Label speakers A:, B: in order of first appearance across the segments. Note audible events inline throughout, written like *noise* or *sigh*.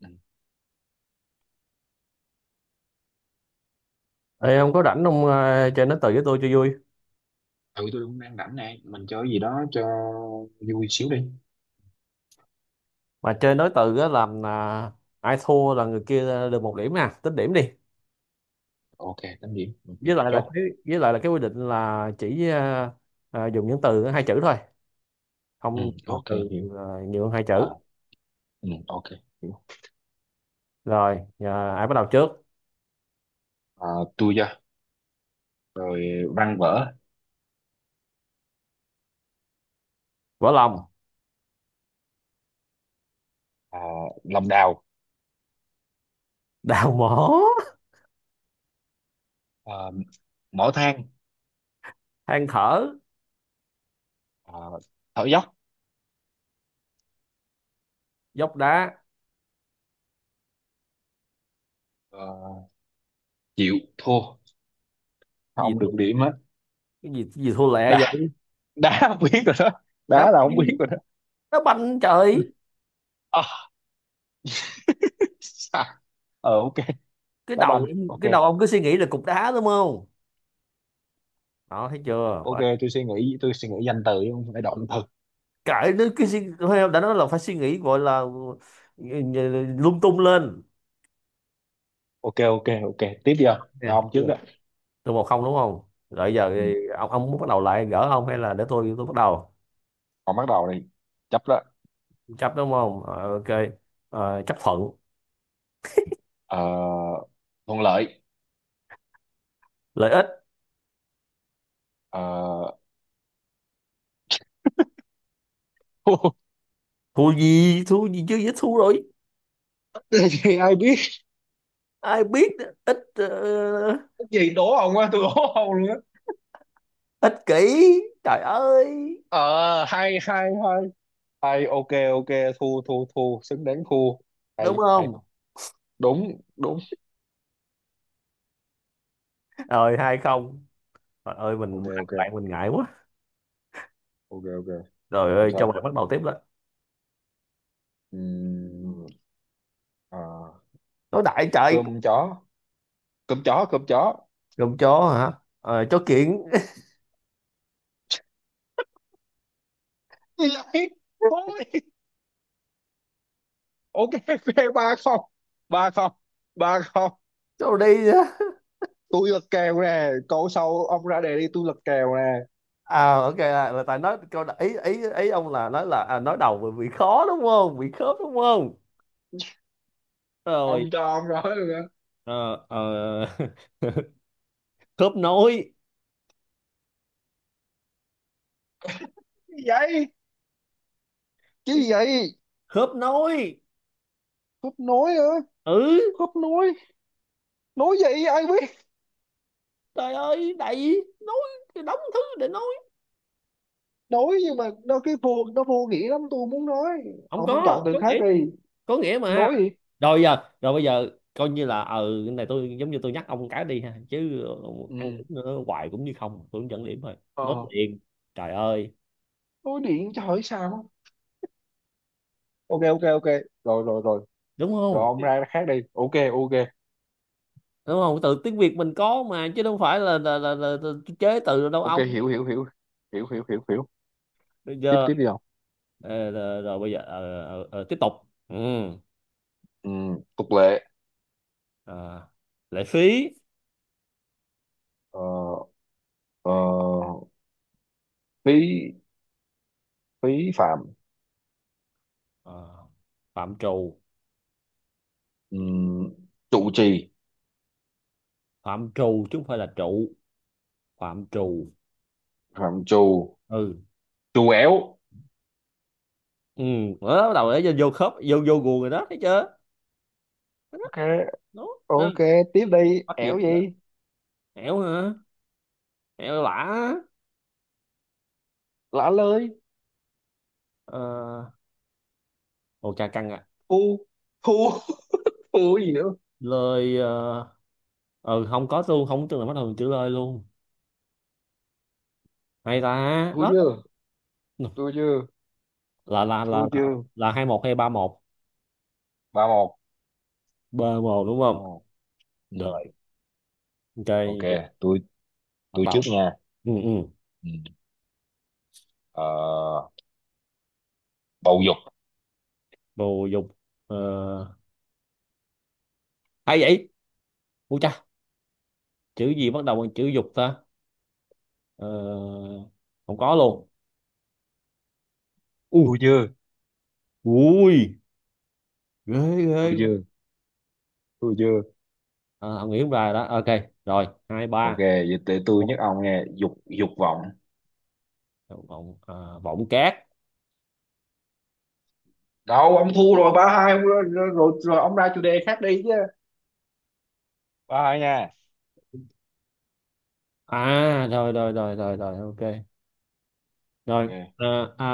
A: Ừ.
B: Ê, không có rảnh không chơi nói từ với tôi cho vui.
A: Ừ, tôi cũng đang rảnh này. Mình chơi gì đó cho vui xíu đi.
B: Mà chơi nói từ á, làm ai thua là người kia được một điểm nha, tính điểm đi.
A: Ok, tám điểm. Ok,
B: với lại là
A: chốt.
B: cái với lại là cái quy định là chỉ dùng những từ hai chữ thôi,
A: Ừ,
B: không những
A: ok,
B: từ
A: hiểu.
B: nhiều hơn hai
A: à,
B: chữ.
A: ừ, ok, hiểu.
B: Rồi ai bắt đầu trước?
A: à, Tôi ra. Rồi, văn vở.
B: Vỡ lòng.
A: à, Lòng đào.
B: *laughs* Đào mỏ.
A: à, Mỏ than.
B: Than thở.
A: à, Thở dốc.
B: Dốc đá.
A: à, Chịu thua. Sao
B: gì
A: ông
B: cái
A: được điểm á?
B: Gì thua lẹ
A: Đá.
B: vậy?
A: Đá, *laughs* không biết rồi đó.
B: Đá
A: Đá là không biết
B: banh,
A: rồi đó.
B: đá banh trời!
A: Ờ, sao? Ờ, ok,
B: cái
A: đá
B: đầu
A: banh, ok.
B: cái đầu ông cứ suy nghĩ là cục đá, đúng không? Đó, thấy chưa?
A: Ok, tôi suy nghĩ, tôi suy nghĩ danh từ chứ không phải động từ.
B: Thôi, đã nói là phải suy nghĩ gọi là ừ, lung tung lên.
A: Ok, ok, ok, tiếp đi, không cho
B: Nè,
A: ông trước đó.
B: tôi 1-0, đúng không? Rồi giờ
A: Ừ.
B: thì ông muốn bắt đầu lại gỡ không, hay là để tôi bắt đầu?
A: Con bắt đầu đi. Chấp đó.
B: Chấp, đúng không? Ờ, ok. Ờ, chấp thuận
A: Ờ, thuận lợi.
B: lợi ích.
A: Ờ, *laughs*
B: Thua gì, thua gì chứ, dễ thua rồi.
A: cái gì ai biết?
B: Ai biết ít. uh,
A: Cái gì đố ông á, tôi đố ông luôn á.
B: Ích kỷ trời ơi,
A: Ờ, hay hay hay, hay, ok, ok, thu thu thu, xứng đáng thu, hay
B: đúng
A: hay.
B: không?
A: Đúng, đúng.
B: Rồi 2-0. Trời ơi,
A: Ok,
B: mình ăn
A: ok,
B: bạn mình ngại quá.
A: ok, ok.
B: Rồi
A: Làm
B: ơi, cho
A: sao?
B: bạn bắt đầu tiếp đó.
A: Ừm, ờ,
B: Nói đại trời.
A: cơm chó. Cơm chó, cơm chó.
B: Con chó hả? Ờ, chó kiện.
A: Thì lại thôi. Ok, ok, ba không, ba không, ba không.
B: Câu đi á.
A: Tôi lật kèo nè, câu sau ông ra đề đi, tôi lật kèo nè.
B: Ok, là tại nói câu ý, ý ông là nói là nói đầu bị khó đúng không, bị khớp đúng không? Rồi
A: Ông cho ông nói luôn á.
B: ờ, ờ, *laughs* khớp nối.
A: Cái gì vậy? Cái gì vậy?
B: Khớp nối.
A: Khớp nối hả?
B: Ừ,
A: Khớp nối, nối gì ai biết?
B: trời ơi đầy nói cái đống thứ để nói.
A: Nối nhưng mà nó vô nghĩa lắm, tôi muốn nói
B: Không
A: ông chọn
B: có
A: từ
B: có
A: khác
B: nghĩa,
A: đi.
B: có nghĩa mà.
A: Nối gì?
B: Rồi giờ rồi bây giờ coi như là ừ, cái này tôi giống như tôi nhắc ông cái đi ha, chứ ông ăn
A: Ừ,
B: cũng nữa hoài cũng như không, tôi cũng dẫn điểm thôi, nói
A: ờ,
B: liền. Trời ơi,
A: nối điện cho hỏi sao. Ok, ok, ok, rồi, rồi, rồi,
B: đúng
A: rồi.
B: không?
A: Ông ra khác đi, ok, ok,
B: Đúng không? Từ tiếng Việt mình có mà, chứ đâu phải là chế từ đâu
A: ok.
B: ông.
A: Hiểu hiểu hiểu, hiểu hiểu hiểu hiểu.
B: Bây
A: Tiếp
B: giờ
A: tiếp đi ông.
B: rồi, rồi bây giờ tiếp tục. Ừ.
A: Ừ, tục lệ.
B: ờ, Lệ phí.
A: Ờ, ờ, phí phí phạm.
B: ờ, Phạm trù.
A: Ừ, trụ trì.
B: Phạm trù chứ không phải là trụ, phạm trù.
A: Phạm trù.
B: Ừ.
A: Trù éo.
B: Ừ, đó, bắt đầu để vô khớp, vô vô guồng rồi đó, thấy chưa?
A: Ok,
B: Đúng.
A: ok,
B: Ừ.
A: tiếp đi,
B: Bắt nhịp
A: ẻo
B: rồi đó.
A: gì.
B: Hẻo hả? Hẻo lả.
A: Lả lơi.
B: Ờ, ồ chà căng à.
A: Phu, phu, phu, *laughs* cái gì nữa?
B: Lời. Ờ ừ, không có luôn, không tưởng là bắt đầu từ chữ lời luôn. Hay ta
A: Thua
B: đó.
A: chưa? Thua chưa?
B: là là là
A: Thua
B: là,
A: chưa?
B: là 2-1 hay 3-1?
A: Ba một,
B: B một đúng
A: ba
B: không?
A: một. Ừ.
B: Rồi, ok
A: Ok,
B: vậy
A: tôi
B: bắt
A: tôi trước
B: đầu.
A: nha.
B: Ừ, ừ.
A: Ừ. Ờ, bầu dục.
B: Bồ dục. Ờ, hay vậy. U cha, chữ gì bắt đầu bằng chữ dục ta? Ờ, không có luôn. U.
A: Thua chưa?
B: Ui. Ghê. Ghê.
A: Thua chưa? Thua chưa?
B: Không nghĩ không ra rồi đó, ok. Rồi hai
A: Ok,
B: ba
A: vậy tới tôi nhắc ông nghe, dục, dục vọng.
B: Vọng vọng cát.
A: Đâu, ông thua rồi, ba hai rồi, rồi, rồi, rồi, ông ra chủ đề khác đi chứ. Ba hai nha.
B: Rồi, rồi, rồi, rồi, rồi, ok rồi.
A: Ok.
B: à, à,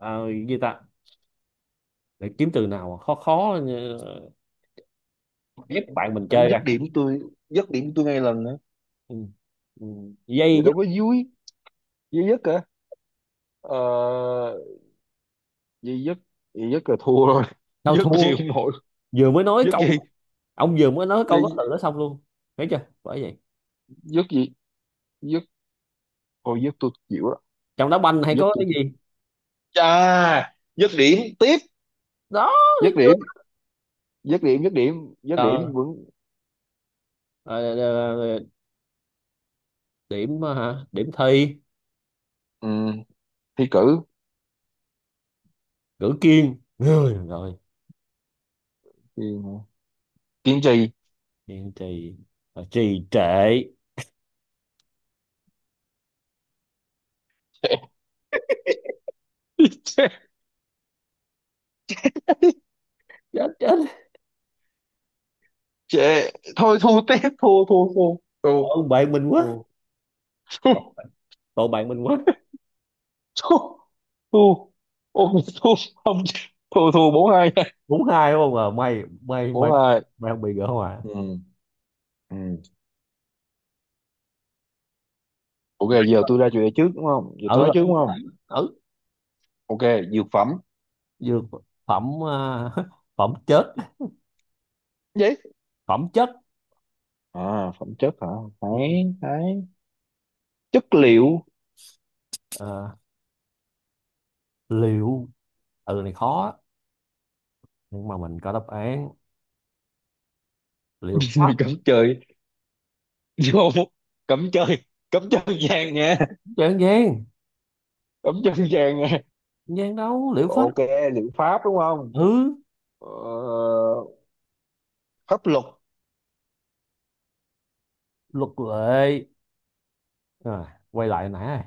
B: à, à, Gì ta? Để kiếm từ nào mà khó khó ép bạn mình
A: Anh
B: chơi
A: dứt
B: ra.
A: điểm tôi, dứt điểm tôi ngay lần nữa.
B: Ừ. Ừ. Dây
A: Vậy
B: dứt.
A: đâu có vui, vui nhất. Ờ, Duy dứt. Duy dứt là thua rồi,
B: Sao
A: *laughs* dứt gì
B: thua?
A: cũng nổi.
B: Vừa mới nói
A: Dứt gì?
B: câu, ông vừa mới nói câu có từ
A: Duy,
B: đó xong luôn. Thấy chưa, bởi vậy.
A: dứt gì? Dứt, thôi dứt tôi chịu đó.
B: Trong đá banh hay
A: Dứt
B: có
A: tôi
B: cái
A: chịu.
B: gì
A: Chà, dứt điểm tiếp.
B: đó, thấy
A: Dứt
B: chưa?
A: điểm, dứt điểm, dứt điểm, dứt
B: ờ,
A: điểm vẫn.
B: ờ, ờ, ờ, ờ, Điểm hả, điểm thi.
A: Ừ, thi cử.
B: Cử kiên, rồi rồi.
A: Thì, kiên trì.
B: Kiên trì. Ờ, trì trệ.
A: *laughs*
B: *laughs*
A: Chê,
B: Chết chết.
A: chê. Thôi thua tiếp, thua, thua, thua. Thua,
B: Tội bạn mình quá.
A: thua, thua,
B: Tội bạn mình quá.
A: thua. Thua, ôi, thua, không, thua, thua, bốn hai.
B: Đúng hai đúng không? À, may may may
A: Bốn hai.
B: may không bị gỡ hòa.
A: Ừ. Ừ. Ok, giờ tôi ra chủ đề trước đúng không, giờ tôi
B: Ở
A: nói trước đúng
B: ở,
A: không?
B: ở
A: Ok, dược phẩm.
B: Dược phẩm. *laughs* Phẩm chết,
A: Vậy?
B: phẩm chất.
A: À, phẩm chất hả?
B: Ừ.
A: Thấy, thấy. Chất liệu.
B: Ờ, liệu. Từ này khó á, nhưng mà mình có đáp án. Liệu pháp.
A: *laughs* Cấm chơi, vô, cấm chơi, cấm chân vàng nha,
B: Chẳng gian, gian
A: cấm chân vàng nha.
B: đâu. Liệu pháp.
A: Ok, liệu pháp đúng không?
B: Ừ.
A: Ờ, pháp luật.
B: Luật lệ. Quay lại nãy,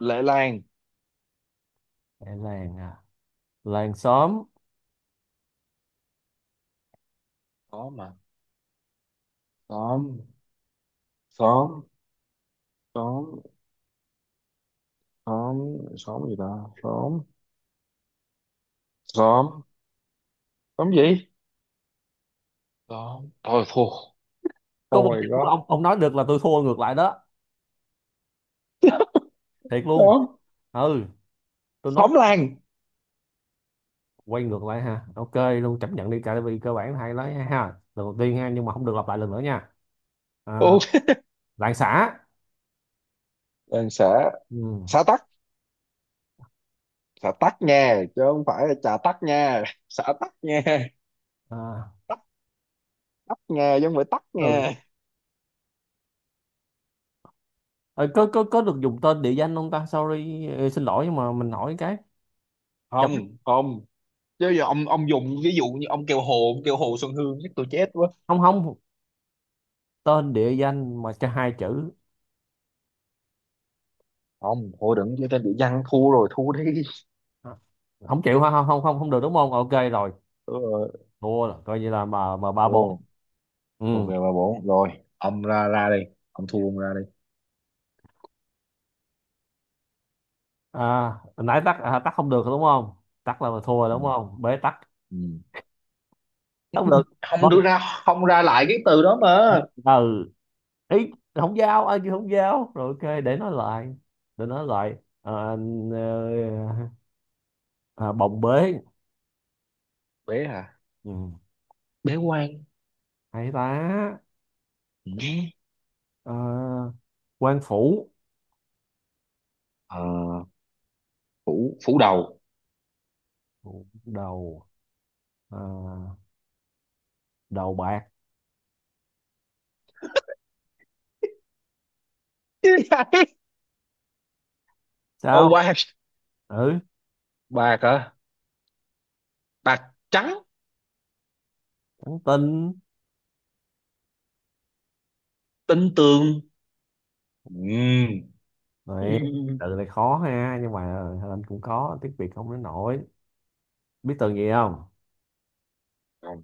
A: Lệ làng.
B: An Giang à. Làng xóm.
A: Xóm mà, xóm, xóm, xóm, xóm, xóm gì ta, xóm, xóm, xóm gì, xóm thôi thua.
B: Có một
A: Oh
B: chữ
A: my god.
B: ông nói được là tôi thua ngược lại đó, thiệt luôn.
A: Xóm,
B: Ừ, tôi nói
A: xóm làng.
B: quay ngược lại ha, ok luôn, chấp nhận đi. Tại vì cơ bản hay lắm ha, lần đầu tiên ha, nhưng mà không được lặp lại lần nữa nha. à,
A: Ok,
B: Làng xã.
A: làng xã.
B: Ừ.
A: Xã tắc. Xã tắc nha chứ không phải là trà tắc nha, xã tắc nha.
B: À,
A: Tắc, tắc nha, giống không phải tắc
B: ừ.
A: nha.
B: Ờ, có có được dùng tên địa danh không ta? Sorry, xin lỗi, nhưng mà mình hỏi cái. Chụp.
A: Không, không, chứ giờ ông dùng ví dụ như ông kêu hồ, ông kêu hồ Xuân Hương chắc tôi chết quá.
B: Không, không tên địa danh mà cho hai chữ.
A: Không thôi, đừng chơi tên địa danh, thua rồi, thua đi.
B: À, không chịu hả? Không, không, không, không được đúng không? Ok rồi,
A: Ừ,
B: thua rồi coi như là mà 3-4.
A: vô.
B: Ừ.
A: Ok, ba bốn rồi, ông ra ra đi, ông thua ông ra đi.
B: À, hồi nãy tắt tắt không được đúng không? Tắt là mà thua
A: Ừ.
B: đúng không? Bế tắc,
A: Ừ.
B: tắt không được.
A: Không
B: Thôi.
A: đưa ra, không ra lại cái từ đó mà.
B: Ừ, ý, không giao, ai kêu không giao rồi. Ok, để nói lại à, bồng bế.
A: Bế hả?
B: Ừ,
A: Bế quan.
B: hay ta.
A: Ừ.
B: Ờ, quan phủ
A: Ờ, phủ, phủ đầu.
B: đầu. ờ, Đầu bạc.
A: *laughs* Ô
B: Sao?
A: quan.
B: Ừ,
A: Ba hả? Bạc, trắng.
B: trắng tinh.
A: Tinh tường. Ừm,
B: Này,
A: *laughs*
B: từ này khó ha, nhưng mà anh cũng có tiếng Việt không đến nổi. Biết từ gì không?
A: không.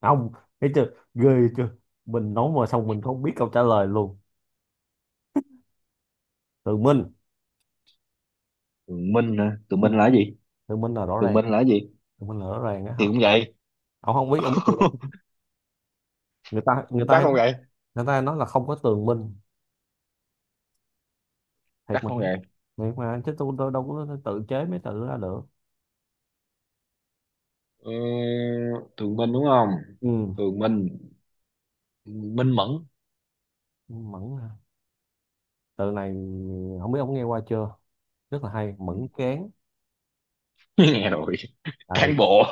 B: Không. Thấy chưa? Ghê chưa? Mình nói mà xong mình không biết câu trả lời luôn. Từ Minh.
A: Tường Minh hả? Tường
B: Ừ.
A: Minh là cái gì?
B: Từ Minh là rõ
A: Tường
B: ràng.
A: Minh là cái gì?
B: Từ Minh là rõ ràng á hả?
A: Thì cũng vậy.
B: Ông không biết, ông biết từ đó.
A: *laughs*
B: Người ta
A: Chắc
B: hay,
A: không vậy?
B: người ta hay nói là không có tường Minh. Thiệt
A: Chắc
B: mà,
A: không
B: thiệt
A: vậy?
B: mà, chứ tôi đâu có tự chế mấy từ ra được.
A: Ừ, Tường Minh đúng không?
B: Ừ.
A: Tường Minh, Minh Mẫn.
B: Mẫn hả? Tựa này không biết ông nghe qua chưa? Rất là hay,
A: Ừ.
B: Mẫn Cán.
A: *laughs* Nghe rồi.
B: Ừ,
A: Cán bộ.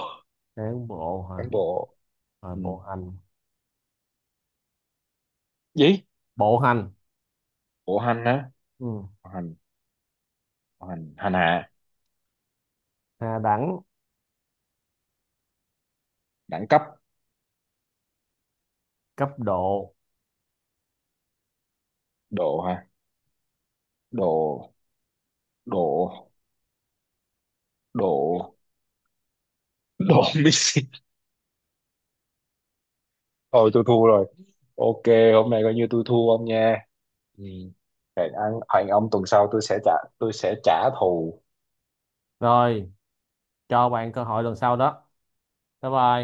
B: cán bộ
A: Cán
B: hả?
A: bộ.
B: Rồi
A: Ừ.
B: bộ hành.
A: Gì?
B: Bộ hành.
A: Bộ hành á?
B: Ừ,
A: Bộ hành, bộ hành, hành hạ.
B: hạ đẳng,
A: Đẳng cấp.
B: cấp độ.
A: Độ hả? Độ, độ, độ, độ, *laughs* Messi. Thôi tôi thua rồi, ok. Hôm nay coi như tôi thua ông nha. Ừ. Hẹn ông tuần sau tôi sẽ trả, tôi sẽ trả thù.
B: Rồi, cho bạn cơ hội lần sau đó. Bye bye.